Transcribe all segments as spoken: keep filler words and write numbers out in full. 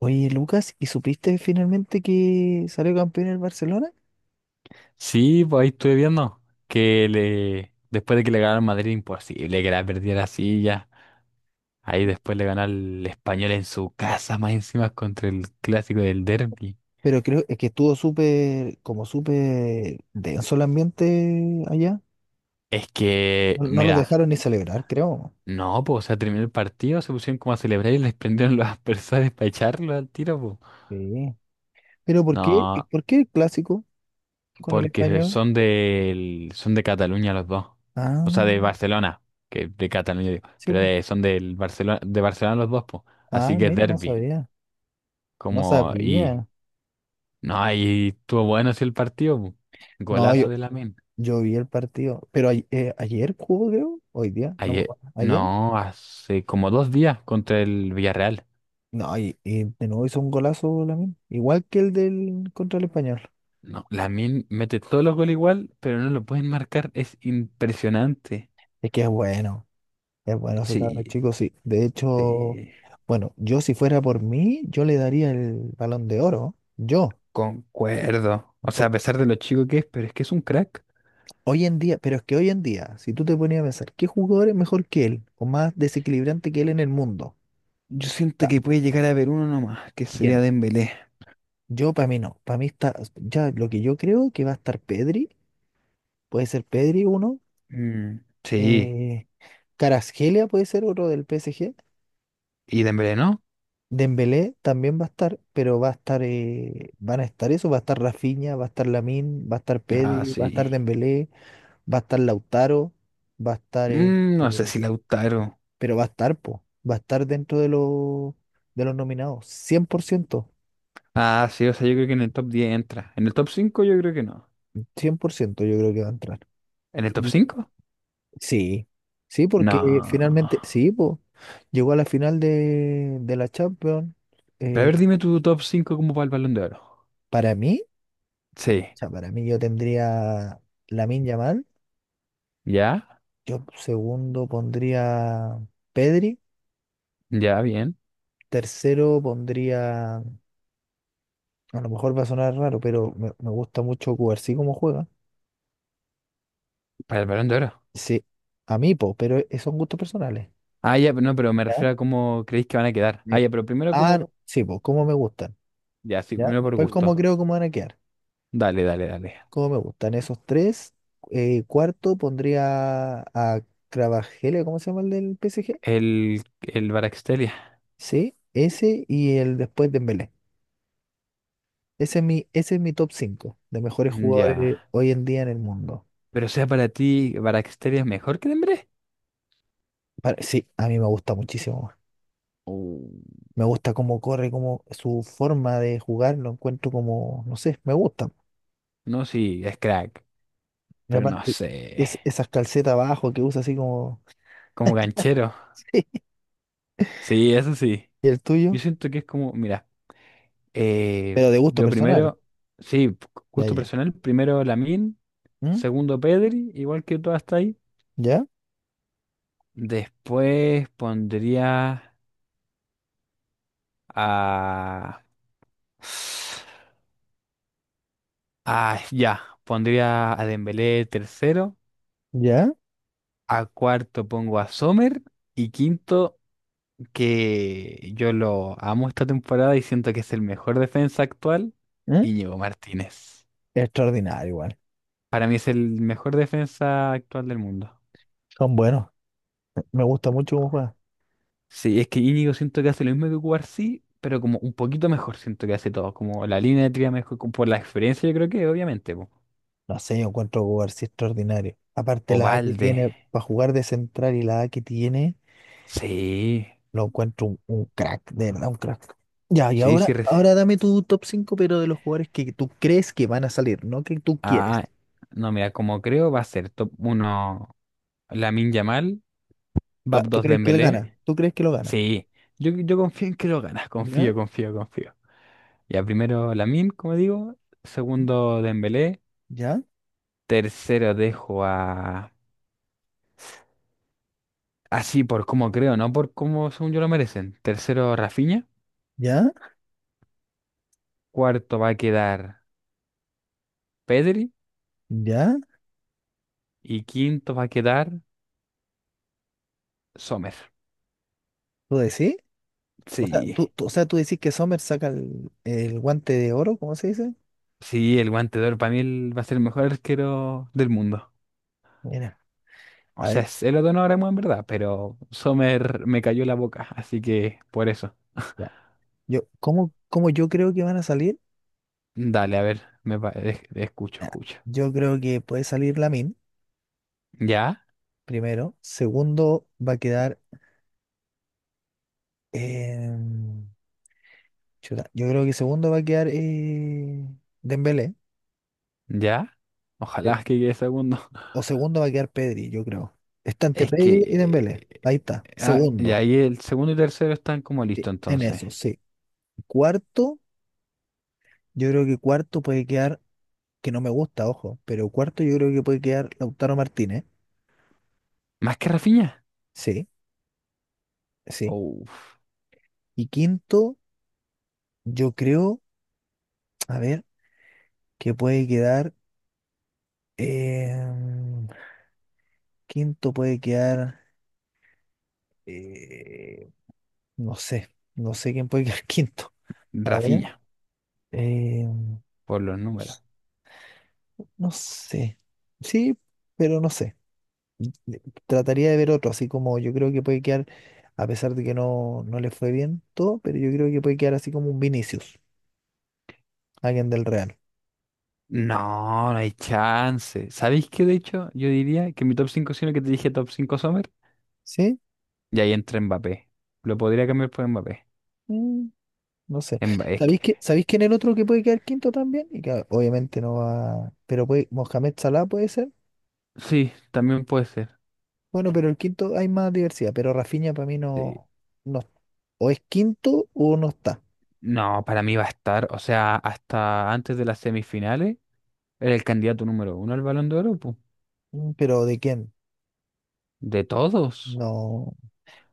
Oye, Lucas, ¿y supiste finalmente que salió campeón el Barcelona? Sí, pues ahí estuve viendo que le después de que le ganaron Madrid, imposible que la perdiera así ya. Ahí después le ganó al Español en su casa, más encima contra el clásico del Derby. Pero creo es que estuvo súper, como súper denso el ambiente allá. Es que, No, no los mira, dejaron ni celebrar, creo. no, pues, o sea, terminó el partido, se pusieron como a celebrar y les prendieron los aspersores para echarlo al tiro, pues. Sí. Pero ¿por qué? No, ¿Por qué el clásico con el porque español? son del, son de Cataluña los dos. O sea, Ah, de Barcelona, que de Cataluña digo, sí, pero pues. de- son del Barcelona, de Barcelona los dos, pues. Así Ah, que es mira, no Derby. sabía. No Como, y sabía. no, ahí estuvo bueno sí el partido, po. No, Golazo yo, de Lamine. yo vi el partido. Pero ay- eh, ayer jugó, creo. Hoy día, no me Ayer, acuerdo. ¿Ayer? no, hace como dos días contra el Villarreal. No, y, y de nuevo hizo un golazo Lamine. Igual que el del contra el español. No, Lamine mete todos los goles igual, pero no lo pueden marcar. Es impresionante. Es que es bueno, es bueno ese cabrón Sí, chico, sí. De hecho, sí, bueno, yo si fuera por mí, yo le daría el balón de oro, yo. concuerdo. O sea, a Porque pesar de lo chico que es, pero es que es un crack. hoy en día, pero es que hoy en día, si tú te ponías a pensar, ¿qué jugador es mejor que él o más desequilibrante que él en el mundo? Yo siento Ta- que puede llegar a haber uno nomás, que sería ¿Quién? Dembélé. Yo para mí no, para mí está, ya lo que yo creo que va a estar Pedri, puede ser Pedri uno, Mm, sí, eh, Kvaratskhelia puede ser otro del P S G, ¿y Dembélé no? Dembélé también va a estar, pero va a estar, eh, van a estar eso, va a estar Rafinha, va a estar Lamine, va a estar Ah, Pedri, va a estar sí. Dembélé, va a estar Lautaro, va a estar, eh, Mm, no sé eh, si Lautaro. pero va a estar, po, va a estar dentro de los de los nominados, Cien cien por ciento, Ah, sí, o sea, yo creo que en el top diez entra. En el top cinco yo creo que no. cien por ciento. Yo creo que va a entrar. ¿En el top Y cinco? sí, sí, porque No. finalmente, sí, po, llegó a la final de, de la Champions, Pero a eh, ver, dime tu top cinco como para el Balón de Oro. para mí, o Sí. sea, para mí yo tendría Lamine Yamal. ¿Ya? Yo segundo pondría Pedri, Ya, bien. tercero pondría, a lo mejor va a sonar raro, pero me, me gusta mucho Cubarsí como juega. Para el Balón de Oro. Sí, a mí, po, pero e- son gustos personales. Ah, ya, pero no, pero me ¿Ya? refiero a cómo creéis que van a quedar. Me- Ah, ya, pero primero Ah, como... no, sí, po, cómo me gustan. Ya, sí, ¿Ya? primero por Después cómo gusto. creo cómo van a quedar. Dale, dale, dale. Cómo me gustan esos tres. Eh, cuarto pondría a Cravajele, ¿cómo se llama el del P S G? El, el Baraxtelia. Sí, ese y el después de Dembélé. Ese es mi, ese es mi top cinco de mejores jugadores Ya. hoy en día en el mundo. Pero o sea, para ti, ¿Baraxtelia es mejor que Dembélé? Pa- Sí, a mí me gusta muchísimo, weón. Uh, Me gusta cómo corre, cómo su forma de jugar, lo encuentro como, no sé, me gusta. No, sí, es crack. Y Pero no aparte, sé. es, esas calcetas abajo que usa así como Como ganchero. Sí, eso sí. y el tuyo, Yo siento que es como, mira, eh, pero de gusto yo personal. primero, sí, Ya, gusto ya. personal, primero Lamin, ¿Mm? segundo Pedri, igual que tú hasta ahí. ¿Ya? Después pondría a... Ah, ya, pondría a Dembélé tercero, ¿Ya? a cuarto pongo a Sommer y quinto, que yo lo amo esta temporada y siento que es el mejor defensa actual, ¿Mm? Íñigo Martínez. Extraordinario igual. Para mí es el mejor defensa actual del mundo. Son buenos. Me gusta mucho cómo juega. Sí, es que Íñigo siento que hace lo mismo que Cubarsí, pero como un poquito mejor siento que hace todo. Como la línea de tría mejor, como por la experiencia, yo creo que obviamente, po. No sé, yo encuentro jugar sí extraordinario. Aparte la edad que Ovalde. tiene para jugar de central y la edad que tiene. Sí. Lo encuentro un, un crack, de verdad, un crack. Ya, y Sí, ahora, sí. reci- ahora dame tu top cinco pero de los jugadores que tú crees que van a salir, no que tú quieres. Ah, no, mira, como creo va a ser top uno Lamine Yamal, Va, top ¿tú dos crees que él Dembélé. gana? ¿Tú crees que lo gana? Sí, yo, yo confío en que lo ganas, ¿Ya? confío, confío, confío. Ya primero Lamine, como digo, segundo Dembélé, ¿Ya? tercero dejo a... Así por como creo, no por como según yo lo merecen. Tercero, Rafinha. ¿Ya? Cuarto va a quedar Pedri. ¿Ya? Y quinto va a quedar Sommer. ¿Tú decís? O sea, Sí. tú, tú- o sea, tú decís que Sommer saca el, el guante de oro, ¿cómo se dice? Sí, el guante de oro para mí el- va a ser el mejor arquero del mundo. Mira, O a sea, ver, es el otro no ahora en verdad, pero Sommer me cayó la boca, así que por eso. ya. Yo, ¿cómo, cómo yo creo que van a salir? Dale, a ver, me pa- es- escucho, Ah, escucho. yo creo que puede salir Lamin ¿Ya? primero. Segundo, va a quedar. em, Chuta, yo creo que segundo va a quedar eh, Dembélé. ¿Ya? eh, Ojalá que quede segundo. O segundo va a quedar Pedri, yo creo. Está entre Es Pedri y Dembélé. Ahí que... está. Ah, y Segundo. ahí el segundo y tercero están como eh, listos En entonces. eso, sí. Cuarto, yo creo que cuarto puede quedar, que no me gusta, ojo, pero cuarto yo creo que puede quedar Lautaro Martínez. ¿Más que Rafinha? Sí, sí. Uf, Y quinto, yo creo, a ver, que puede quedar. em, quinto puede quedar. eh, no sé. No sé quién puede quedar quinto. A ver. Rafinha, Eh, por los números. no sé. Sí, pero no sé. Le- Trataría de ver otro, así como yo creo que puede quedar, a pesar de que no, no le fue bien todo, pero yo creo que puede quedar así como un Vinicius, alguien del Real. No, no hay chance. ¿Sabéis qué? De hecho, yo diría que mi top cinco, sino que te dije top cinco, Sommer, ¿Sí? y ahí entra Mbappé. Lo podría cambiar por Mbappé. Mm, no sé. Mba- es que, ¿Sabéis que, sabéis quién es el otro que puede quedar quinto también? Y que obviamente no va. Pero puede, Mohamed Salah puede ser. sí, también puede ser. Bueno, pero el quinto hay más diversidad, pero Rafinha para mí Sí. no, no. O es quinto o no está. No, para mí va a estar, o sea, hasta antes de las semifinales, era el candidato número uno al Balón de Oro, po. Mm, Pero ¿de quién? De todos. No.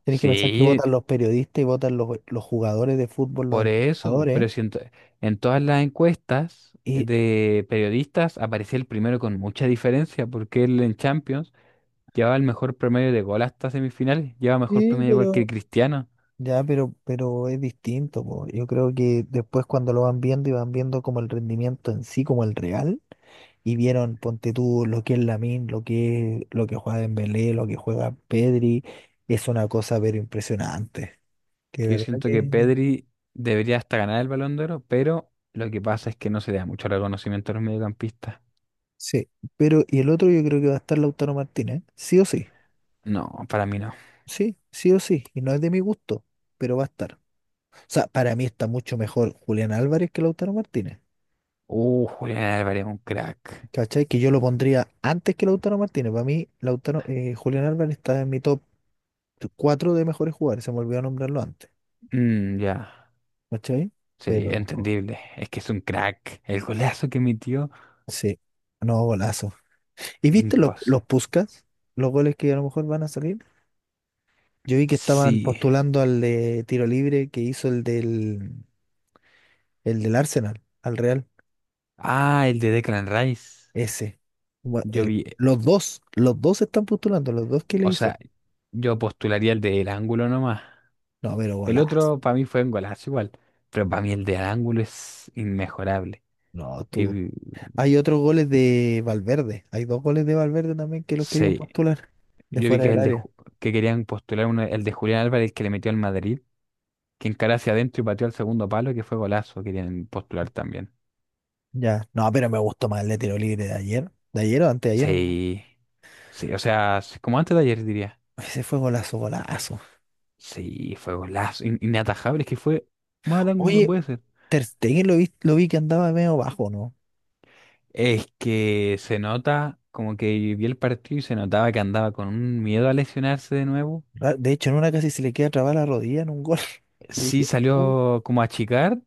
Tenés que pensar que Sí, votan los periodistas y votan los, los jugadores de fútbol, los por eso, entrenadores. pero si en, to- en todas las encuestas Y de periodistas aparecía el primero con mucha diferencia, porque él en Champions llevaba el mejor promedio de gol hasta semifinales, lleva mejor sí, promedio de gol que pero Cristiano, ya, pero, pero es distinto, po. Yo creo que después cuando lo van viendo y van viendo como el rendimiento en sí, como el real, y vieron, ponte tú, lo que es Lamine, lo que es, lo que juega Dembélé, lo que juega Pedri, es una cosa pero impresionante. Que que yo verdad siento que que Pedri debería hasta ganar el Balón de Oro, pero lo que pasa es que no se le da mucho reconocimiento a los mediocampistas. sí. Pero, y el otro yo creo que va a estar Lautaro Martínez, ¿eh? Sí o sí, No, para mí no. sí, sí o sí, y no es de mi gusto, pero va a estar. O sea, para mí está mucho mejor Julián Álvarez que Lautaro Martínez. Uh, Julián Álvarez, un crack. ¿Cachai? Que yo lo pondría antes que Lautaro Martínez. Para mí, Lautaro, eh, Julián Álvarez está en mi top cuatro de mejores jugadores. Se me olvidó nombrarlo antes. Mm, ya, ¿Cachai? sí, Pero entendible. Es que es un crack. El golazo que metió, sí, no, golazo. ¿Y viste los, los imposible. Puskás? Los goles que a lo mejor van a salir. Yo vi que estaban Sí. postulando al de tiro libre que hizo el del, el del, Arsenal, al Real. Ah, el de Declan Rice. Ese. Gua- Yo el- vi, eh, los dos, los dos están postulando, los dos que le o hizo. sea, yo postularía el del ángulo nomás. No, pero El golazo. otro para mí fue un golazo igual, pero para mí el del ángulo es inmejorable. No, Y tú. vi- Hay otros goles de Valverde. Hay dos goles de Valverde también que los querían sí, postular de yo vi fuera que del el de área. Ju- que querían postular uno, el de Julián Álvarez que le metió al Madrid, que encaró hacia adentro y pateó al segundo palo, que fue golazo, querían postular también. Ya. No, pero me gustó más el de tiro libre de ayer. ¿De ayer o antes de ayer? No me acuerdo. Sí, sí, o sea, sí, como antes de ayer diría. Ese fue golazo, golazo. Sí, fue golazo, in- inatajable, es que fue más al ángulo no Oye, puede ser. Ter Stegen lo vi, lo vi que andaba medio bajo, ¿no? Es que se nota, como que vi el partido y se notaba que andaba con un miedo a lesionarse de nuevo. Ra- De hecho, en una casi se le queda trabada la rodilla en un gol. Y Sí dije, "Uh". salió como a achicar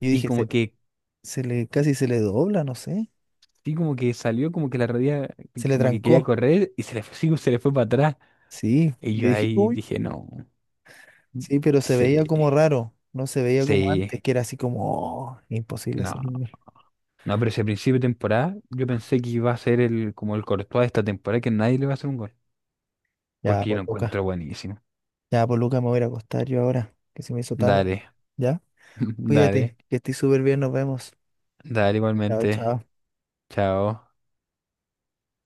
Yo y dije, se, como que, se le, casi se le dobla, no sé. sí como que salió, como que la rodilla, Se le como que quería trancó. correr y se le fue, sí, se le fue para atrás. Sí. Y Y yo yo dije, ahí uy. dije, no, Sí, pero se sí, veía como raro. No se veía como sí, antes, que era así como, "Oh, imposible no. hacerlo. No, pero ese principio de temporada yo pensé que iba a ser el, como el Courtois de esta temporada, que nadie le va a hacer un gol. Ya, Porque yo lo pues Lucas, encuentro buenísimo. ya, pues Lucas, me voy a ir a acostar yo ahora, que se me hizo tarde. Dale, Ya, dale, cuídate, que estés súper bien, nos vemos. dale Chao, igualmente. chao. Chao.